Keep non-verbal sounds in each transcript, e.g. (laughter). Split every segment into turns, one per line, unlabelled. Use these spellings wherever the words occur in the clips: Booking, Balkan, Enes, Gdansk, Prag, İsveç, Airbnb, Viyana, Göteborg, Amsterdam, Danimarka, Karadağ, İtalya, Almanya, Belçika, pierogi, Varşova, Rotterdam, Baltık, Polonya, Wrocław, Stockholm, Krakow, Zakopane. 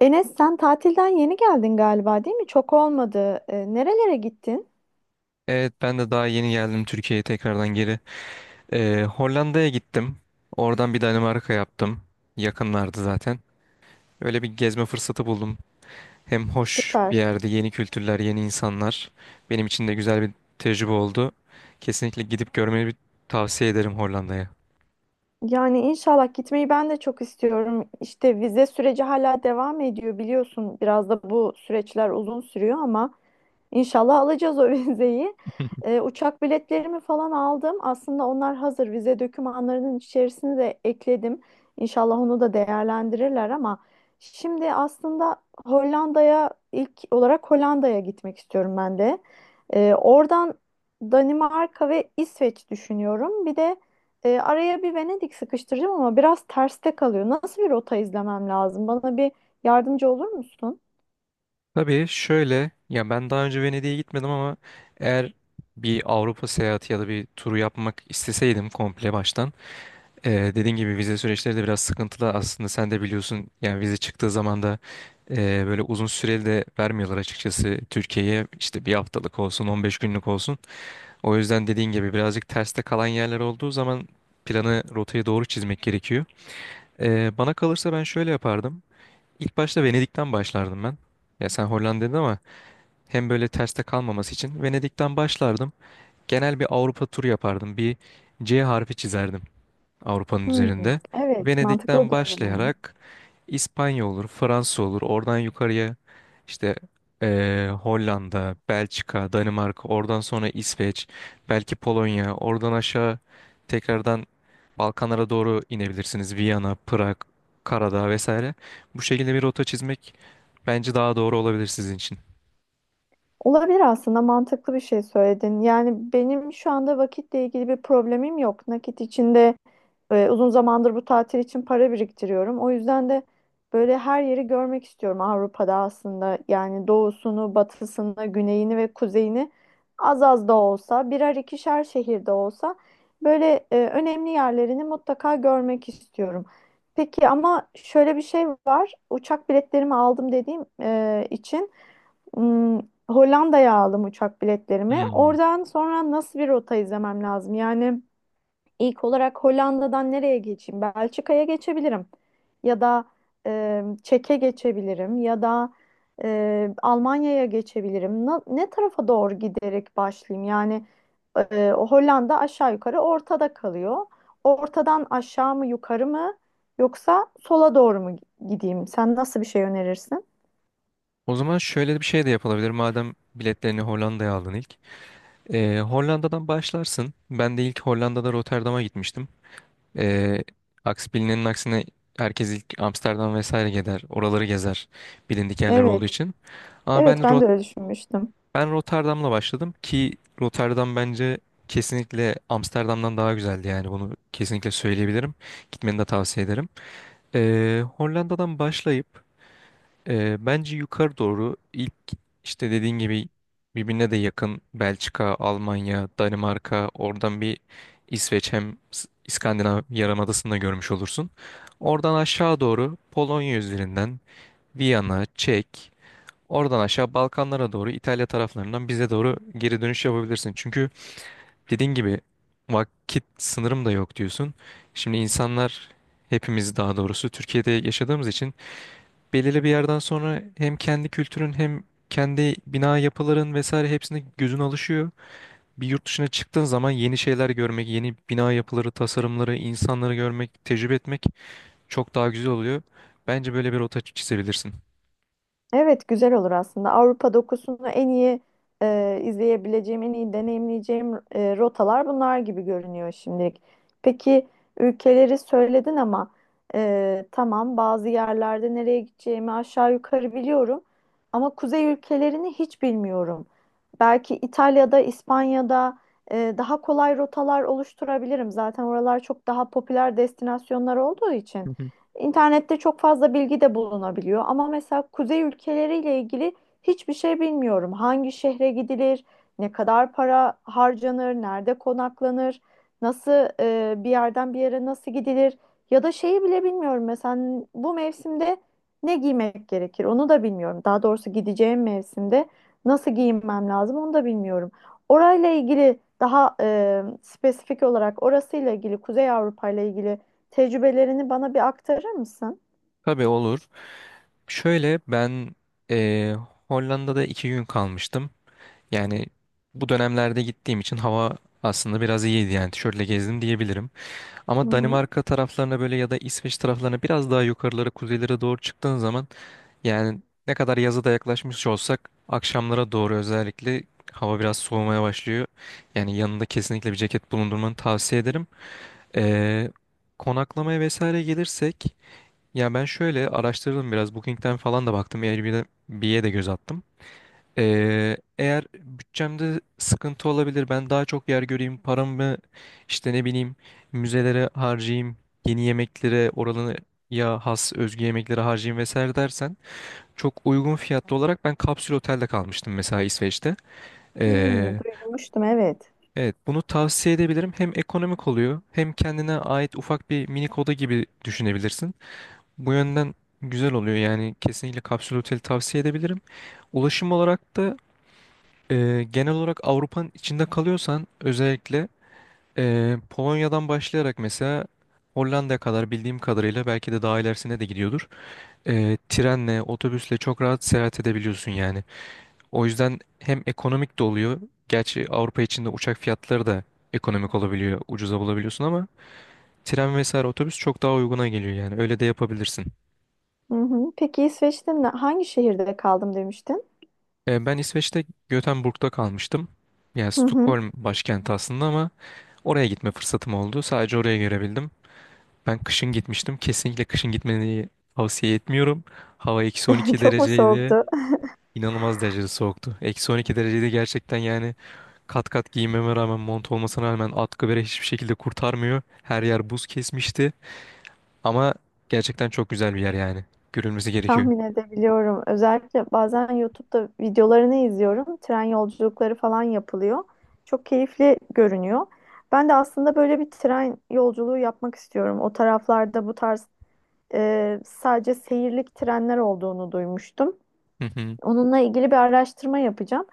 Enes, sen tatilden yeni geldin galiba, değil mi? Çok olmadı. Nerelere gittin?
Evet ben de daha yeni geldim Türkiye'ye tekrardan geri. Hollanda'ya gittim. Oradan bir Danimarka yaptım. Yakınlardı zaten. Öyle bir gezme fırsatı buldum. Hem hoş bir
Süper.
yerde yeni kültürler, yeni insanlar. Benim için de güzel bir tecrübe oldu. Kesinlikle gidip görmeyi bir tavsiye ederim Hollanda'ya.
Yani inşallah gitmeyi ben de çok istiyorum. İşte vize süreci hala devam ediyor, biliyorsun. Biraz da bu süreçler uzun sürüyor ama inşallah alacağız o (laughs) vizeyi.
(laughs)
Uçak biletlerimi falan aldım. Aslında onlar hazır. Vize dokümanlarının içerisine de ekledim. İnşallah onu da değerlendirirler ama şimdi aslında ilk olarak Hollanda'ya gitmek istiyorum ben de. Oradan Danimarka ve İsveç düşünüyorum. Bir de araya bir Venedik sıkıştıracağım ama biraz terste kalıyor. Nasıl bir rota izlemem lazım? Bana bir yardımcı olur musun?
Tabii şöyle ya ben daha önce Venedik'e gitmedim ama eğer bir Avrupa seyahati ya da bir turu yapmak isteseydim komple baştan. Dediğin gibi vize süreçleri de biraz sıkıntılı aslında sen de biliyorsun yani vize çıktığı zaman da böyle uzun süreli de vermiyorlar açıkçası Türkiye'ye işte bir haftalık olsun 15 günlük olsun. O yüzden dediğin gibi birazcık terste kalan yerler olduğu zaman planı rotayı doğru çizmek gerekiyor. Bana kalırsa ben şöyle yapardım. İlk başta Venedik'ten başlardım ben. Ya sen Hollanda dedin ama hem böyle terste kalmaması için Venedik'ten başlardım. Genel bir Avrupa turu yapardım. Bir C harfi çizerdim. Avrupa'nın
Hmm,
üzerinde.
evet, mantıklı
Venedik'ten
duyuluyor.
başlayarak İspanya olur, Fransa olur. Oradan yukarıya işte Hollanda, Belçika, Danimarka, oradan sonra İsveç, belki Polonya, oradan aşağı tekrardan Balkanlara doğru inebilirsiniz. Viyana, Prag, Karadağ vesaire. Bu şekilde bir rota çizmek bence daha doğru olabilir sizin için.
Olabilir, aslında mantıklı bir şey söyledin. Yani benim şu anda vakitle ilgili bir problemim yok. Nakit içinde uzun zamandır bu tatil için para biriktiriyorum. O yüzden de böyle her yeri görmek istiyorum Avrupa'da aslında. Yani doğusunu, batısını, güneyini ve kuzeyini az az da olsa, birer ikişer şehirde olsa böyle önemli yerlerini mutlaka görmek istiyorum. Peki ama şöyle bir şey var. Uçak biletlerimi aldım dediğim için. Hmm, Hollanda'ya aldım uçak biletlerimi.
Hmm.
Oradan sonra nasıl bir rota izlemem lazım? Yani ilk olarak Hollanda'dan nereye geçeyim? Belçika'ya geçebilirim. Ya da Çek'e geçebilirim. Ya da Almanya'ya geçebilirim. Ne tarafa doğru giderek başlayayım? Yani o Hollanda aşağı yukarı ortada kalıyor. Ortadan aşağı mı yukarı mı yoksa sola doğru mu gideyim? Sen nasıl bir şey önerirsin?
O zaman şöyle bir şey de yapılabilir. Madem biletlerini Hollanda'ya aldın ilk. Hollanda'dan başlarsın. Ben de ilk Hollanda'da Rotterdam'a gitmiştim. Ee, aksi bilinenin aksine herkes ilk Amsterdam vesaire gider. Oraları gezer. Bilindik yerler
Evet,
olduğu için. Ama
evet, ben de öyle düşünmüştüm.
Ben Rotterdam'la başladım ki Rotterdam bence kesinlikle Amsterdam'dan daha güzeldi yani bunu kesinlikle söyleyebilirim. Gitmeni de tavsiye ederim. Hollanda'dan başlayıp bence yukarı doğru ilk işte dediğin gibi birbirine de yakın Belçika, Almanya, Danimarka oradan bir İsveç hem İskandinav Yarımadası'nı da görmüş olursun. Oradan aşağı doğru Polonya üzerinden Viyana, Çek, oradan aşağı Balkanlara doğru İtalya taraflarından bize doğru geri dönüş yapabilirsin. Çünkü dediğin gibi vakit sınırım da yok diyorsun. Şimdi hepimiz daha doğrusu Türkiye'de yaşadığımız için belirli bir yerden sonra hem kendi kültürün hem kendi bina yapıların vesaire hepsine gözün alışıyor. Bir yurt dışına çıktığın zaman yeni şeyler görmek, yeni bina yapıları, tasarımları, insanları görmek, tecrübe etmek çok daha güzel oluyor. Bence böyle bir rota çizebilirsin.
Evet, güzel olur aslında. Avrupa dokusunu en iyi izleyebileceğim, en iyi deneyimleyeceğim rotalar bunlar gibi görünüyor şimdilik. Peki, ülkeleri söyledin ama tamam, bazı yerlerde nereye gideceğimi aşağı yukarı biliyorum. Ama kuzey ülkelerini hiç bilmiyorum. Belki İtalya'da, İspanya'da daha kolay rotalar oluşturabilirim. Zaten oralar çok daha popüler destinasyonlar olduğu için.
Hı hı.
İnternette çok fazla bilgi de bulunabiliyor ama mesela kuzey ülkeleriyle ilgili hiçbir şey bilmiyorum. Hangi şehre gidilir, ne kadar para harcanır, nerede konaklanır, nasıl bir yerden bir yere nasıl gidilir ya da şeyi bile bilmiyorum. Mesela bu mevsimde ne giymek gerekir onu da bilmiyorum. Daha doğrusu gideceğim mevsimde nasıl giyinmem lazım onu da bilmiyorum. Orayla ilgili daha spesifik olarak orasıyla ilgili, Kuzey Avrupa ile ilgili tecrübelerini bana bir aktarır mısın?
Tabii olur. Şöyle ben eee, Hollanda'da iki gün kalmıştım. Yani bu dönemlerde gittiğim için hava aslında biraz iyiydi yani tişörtle gezdim diyebilirim. Ama
Hı hı.
Danimarka taraflarına böyle ya da İsveç taraflarına biraz daha yukarılara, kuzeylere doğru çıktığın zaman yani ne kadar yaza da yaklaşmış olsak akşamlara doğru özellikle hava biraz soğumaya başlıyor. Yani yanında kesinlikle bir ceket bulundurmanı tavsiye ederim. Ee, Konaklamaya vesaire gelirsek ya ben şöyle araştırdım biraz Booking'den falan da baktım Airbnb'ye de göz attım. Eğer bütçemde sıkıntı olabilir, ben daha çok yer göreyim, paramı işte ne bileyim müzelere harcayayım, yeni yemeklere oranın ya has özgü yemeklere harcayayım vesaire dersen çok uygun fiyatlı olarak ben kapsül otelde kalmıştım mesela İsveç'te.
Hmm,
Ee,
duymuştum, evet.
evet bunu tavsiye edebilirim. Hem ekonomik oluyor hem kendine ait ufak bir minik oda gibi düşünebilirsin. Bu yönden güzel oluyor yani kesinlikle kapsül oteli tavsiye edebilirim. Ulaşım olarak da genel olarak Avrupa'nın içinde kalıyorsan özellikle Polonya'dan başlayarak mesela Hollanda'ya kadar bildiğim kadarıyla belki de daha ilerisine de gidiyordur. Trenle, otobüsle çok rahat seyahat edebiliyorsun yani. O yüzden hem ekonomik de oluyor. Gerçi Avrupa içinde uçak fiyatları da ekonomik olabiliyor, ucuza bulabiliyorsun ama tren vesaire otobüs çok daha uyguna geliyor yani. Öyle de yapabilirsin.
Hı hı. Peki İsveç'te hangi şehirde kaldım demiştin?
Ben İsveç'te Göteborg'da kalmıştım. Yani
Hı hı.
Stockholm başkenti aslında ama oraya gitme fırsatım oldu. Sadece oraya görebildim. Ben kışın gitmiştim. Kesinlikle kışın gitmeni tavsiye etmiyorum. Hava eksi
(laughs)
12
Çok mu
dereceydi.
soğuktu?
İnanılmaz derecede soğuktu. Eksi 12 derecede gerçekten yani kat kat giyinmeme rağmen mont olmasına rağmen atkı bere hiçbir şekilde kurtarmıyor. Her yer buz kesmişti. Ama gerçekten çok güzel bir yer yani. Görülmesi
(laughs)
gerekiyor.
Tahmin edebiliyorum. Özellikle bazen YouTube'da videolarını izliyorum. Tren yolculukları falan yapılıyor. Çok keyifli görünüyor. Ben de aslında böyle bir tren yolculuğu yapmak istiyorum. O taraflarda bu tarz sadece seyirlik trenler olduğunu duymuştum.
Hı hı.
Onunla ilgili bir araştırma yapacağım.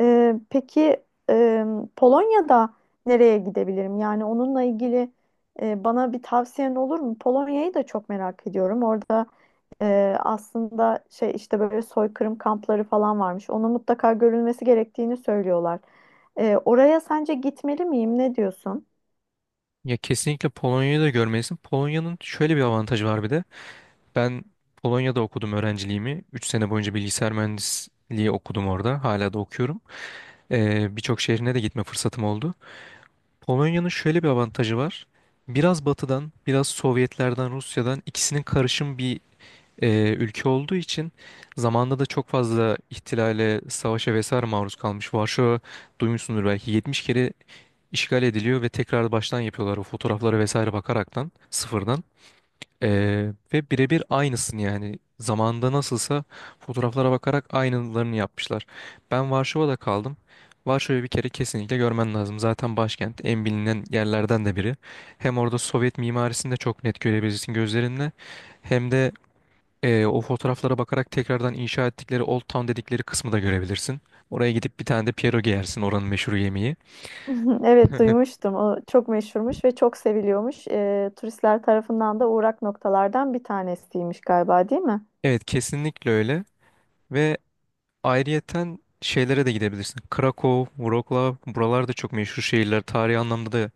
Peki, e, Polonya'da nereye gidebilirim? Yani onunla ilgili bana bir tavsiyen olur mu? Polonya'yı da çok merak ediyorum. Orada aslında şey, işte böyle soykırım kampları falan varmış. Ona mutlaka görülmesi gerektiğini söylüyorlar. Oraya sence gitmeli miyim? Ne diyorsun?
Ya kesinlikle Polonya'yı da görmelisin. Polonya'nın şöyle bir avantajı var bir de. Ben Polonya'da okudum öğrenciliğimi. 3 sene boyunca bilgisayar mühendisliği okudum orada. Hala da okuyorum. Birçok şehrine de gitme fırsatım oldu. Polonya'nın şöyle bir avantajı var. Biraz batıdan, biraz Sovyetlerden, Rusya'dan ikisinin karışım bir ülke olduğu için zamanında da çok fazla ihtilale, savaşa vesaire maruz kalmış. Varşova duymuşsundur belki 70 kere işgal ediliyor ve tekrar baştan yapıyorlar o fotoğraflara vesaire bakaraktan sıfırdan. Ve birebir aynısını yani zamanında nasılsa fotoğraflara bakarak aynılarını yapmışlar. Ben Varşova'da kaldım. Varşova'yı bir kere kesinlikle görmen lazım. Zaten başkent en bilinen yerlerden de biri. Hem orada Sovyet mimarisini de çok net görebilirsin gözlerinle. Hem de o fotoğraflara bakarak tekrardan inşa ettikleri Old Town dedikleri kısmı da görebilirsin. Oraya gidip bir tane de pierogi yersin oranın meşhur yemeği.
(laughs) Evet,
(laughs)
duymuştum. O çok meşhurmuş ve çok seviliyormuş. Turistler tarafından da uğrak noktalardan bir tanesiymiş galiba, değil mi?
Evet kesinlikle öyle. Ve ayrıyeten şeylere de gidebilirsin. Krakow, Wrocław buralar da çok meşhur şehirler. Tarihi anlamda da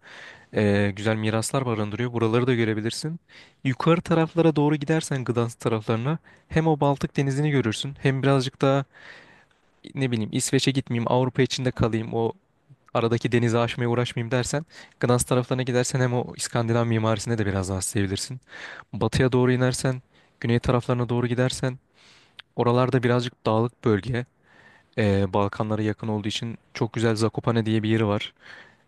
güzel miraslar barındırıyor. Buraları da görebilirsin. Yukarı taraflara doğru gidersen Gdansk taraflarına hem o Baltık denizini görürsün hem birazcık daha ne bileyim İsveç'e gitmeyeyim Avrupa içinde kalayım o aradaki denizi aşmaya uğraşmayayım dersen Gdansk taraflarına gidersen hem o İskandinav mimarisine de biraz daha sevebilirsin. Batıya doğru inersen güney taraflarına doğru gidersen oralarda birazcık dağlık bölge Balkanlara yakın olduğu için çok güzel Zakopane diye bir yeri var.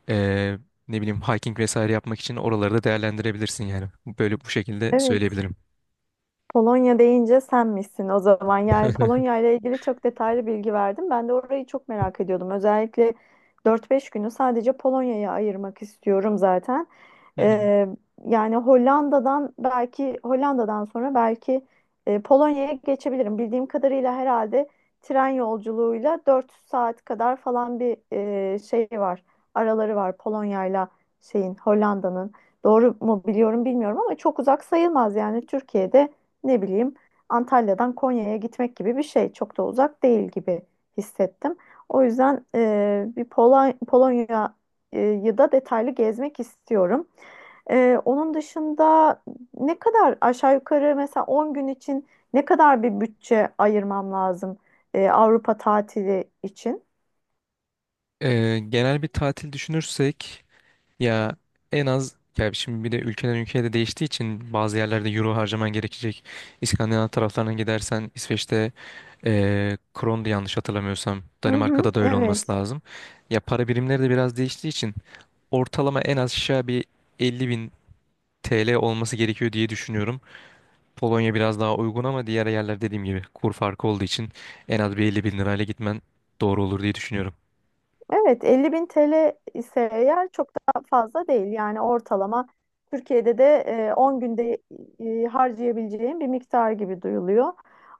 Ee, Ne bileyim hiking vesaire yapmak için oraları da değerlendirebilirsin yani. Böyle bu şekilde
Evet.
söyleyebilirim.
Polonya deyince sen misin o zaman? Yani Polonya
(laughs)
ile ilgili çok detaylı bilgi verdim. Ben de orayı çok merak ediyordum. Özellikle dört beş günü sadece Polonya'ya ayırmak istiyorum zaten.
Hı hı.
Ee, Yani Hollanda'dan, belki Hollanda'dan sonra belki Polonya'ya geçebilirim. Bildiğim kadarıyla herhalde tren yolculuğuyla 4 saat kadar falan bir şey var. Araları var Polonya'yla şeyin, Hollanda'nın. Doğru mu biliyorum bilmiyorum ama çok uzak sayılmaz. Yani Türkiye'de ne bileyim, Antalya'dan Konya'ya gitmek gibi bir şey. Çok da uzak değil gibi hissettim. O yüzden bir Polonya'yı da detaylı gezmek istiyorum. Onun dışında ne kadar, aşağı yukarı, mesela 10 gün için ne kadar bir bütçe ayırmam lazım Avrupa tatili için?
Genel bir tatil düşünürsek ya en az ya şimdi bir de ülkeden ülkeye de değiştiği için bazı yerlerde euro harcaman gerekecek. İskandinav taraflarına gidersen İsveç'te krondu yanlış hatırlamıyorsam.
Hı hı,
Danimarka'da da öyle olması
evet.
lazım. Ya para birimleri de biraz değiştiği için ortalama en az aşağı bir 50 bin TL olması gerekiyor diye düşünüyorum. Polonya biraz daha uygun ama diğer yerler dediğim gibi kur farkı olduğu için en az bir 50 bin lirayla gitmen doğru olur diye düşünüyorum.
Evet, 50 bin TL ise eğer çok da fazla değil. Yani ortalama Türkiye'de de 10 günde harcayabileceğim bir miktar gibi duyuluyor.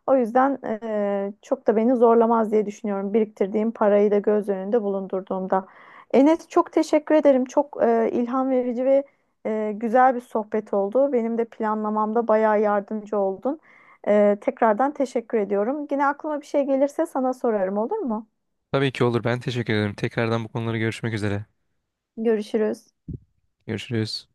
O yüzden çok da beni zorlamaz diye düşünüyorum. Biriktirdiğim parayı da göz önünde bulundurduğumda. Enes, çok teşekkür ederim. Çok ilham verici ve güzel bir sohbet oldu. Benim de planlamamda bayağı yardımcı oldun. Tekrardan teşekkür ediyorum. Yine aklıma bir şey gelirse sana sorarım, olur mu?
Tabii ki olur. Ben teşekkür ederim. Tekrardan bu konuları görüşmek üzere.
Görüşürüz.
Görüşürüz.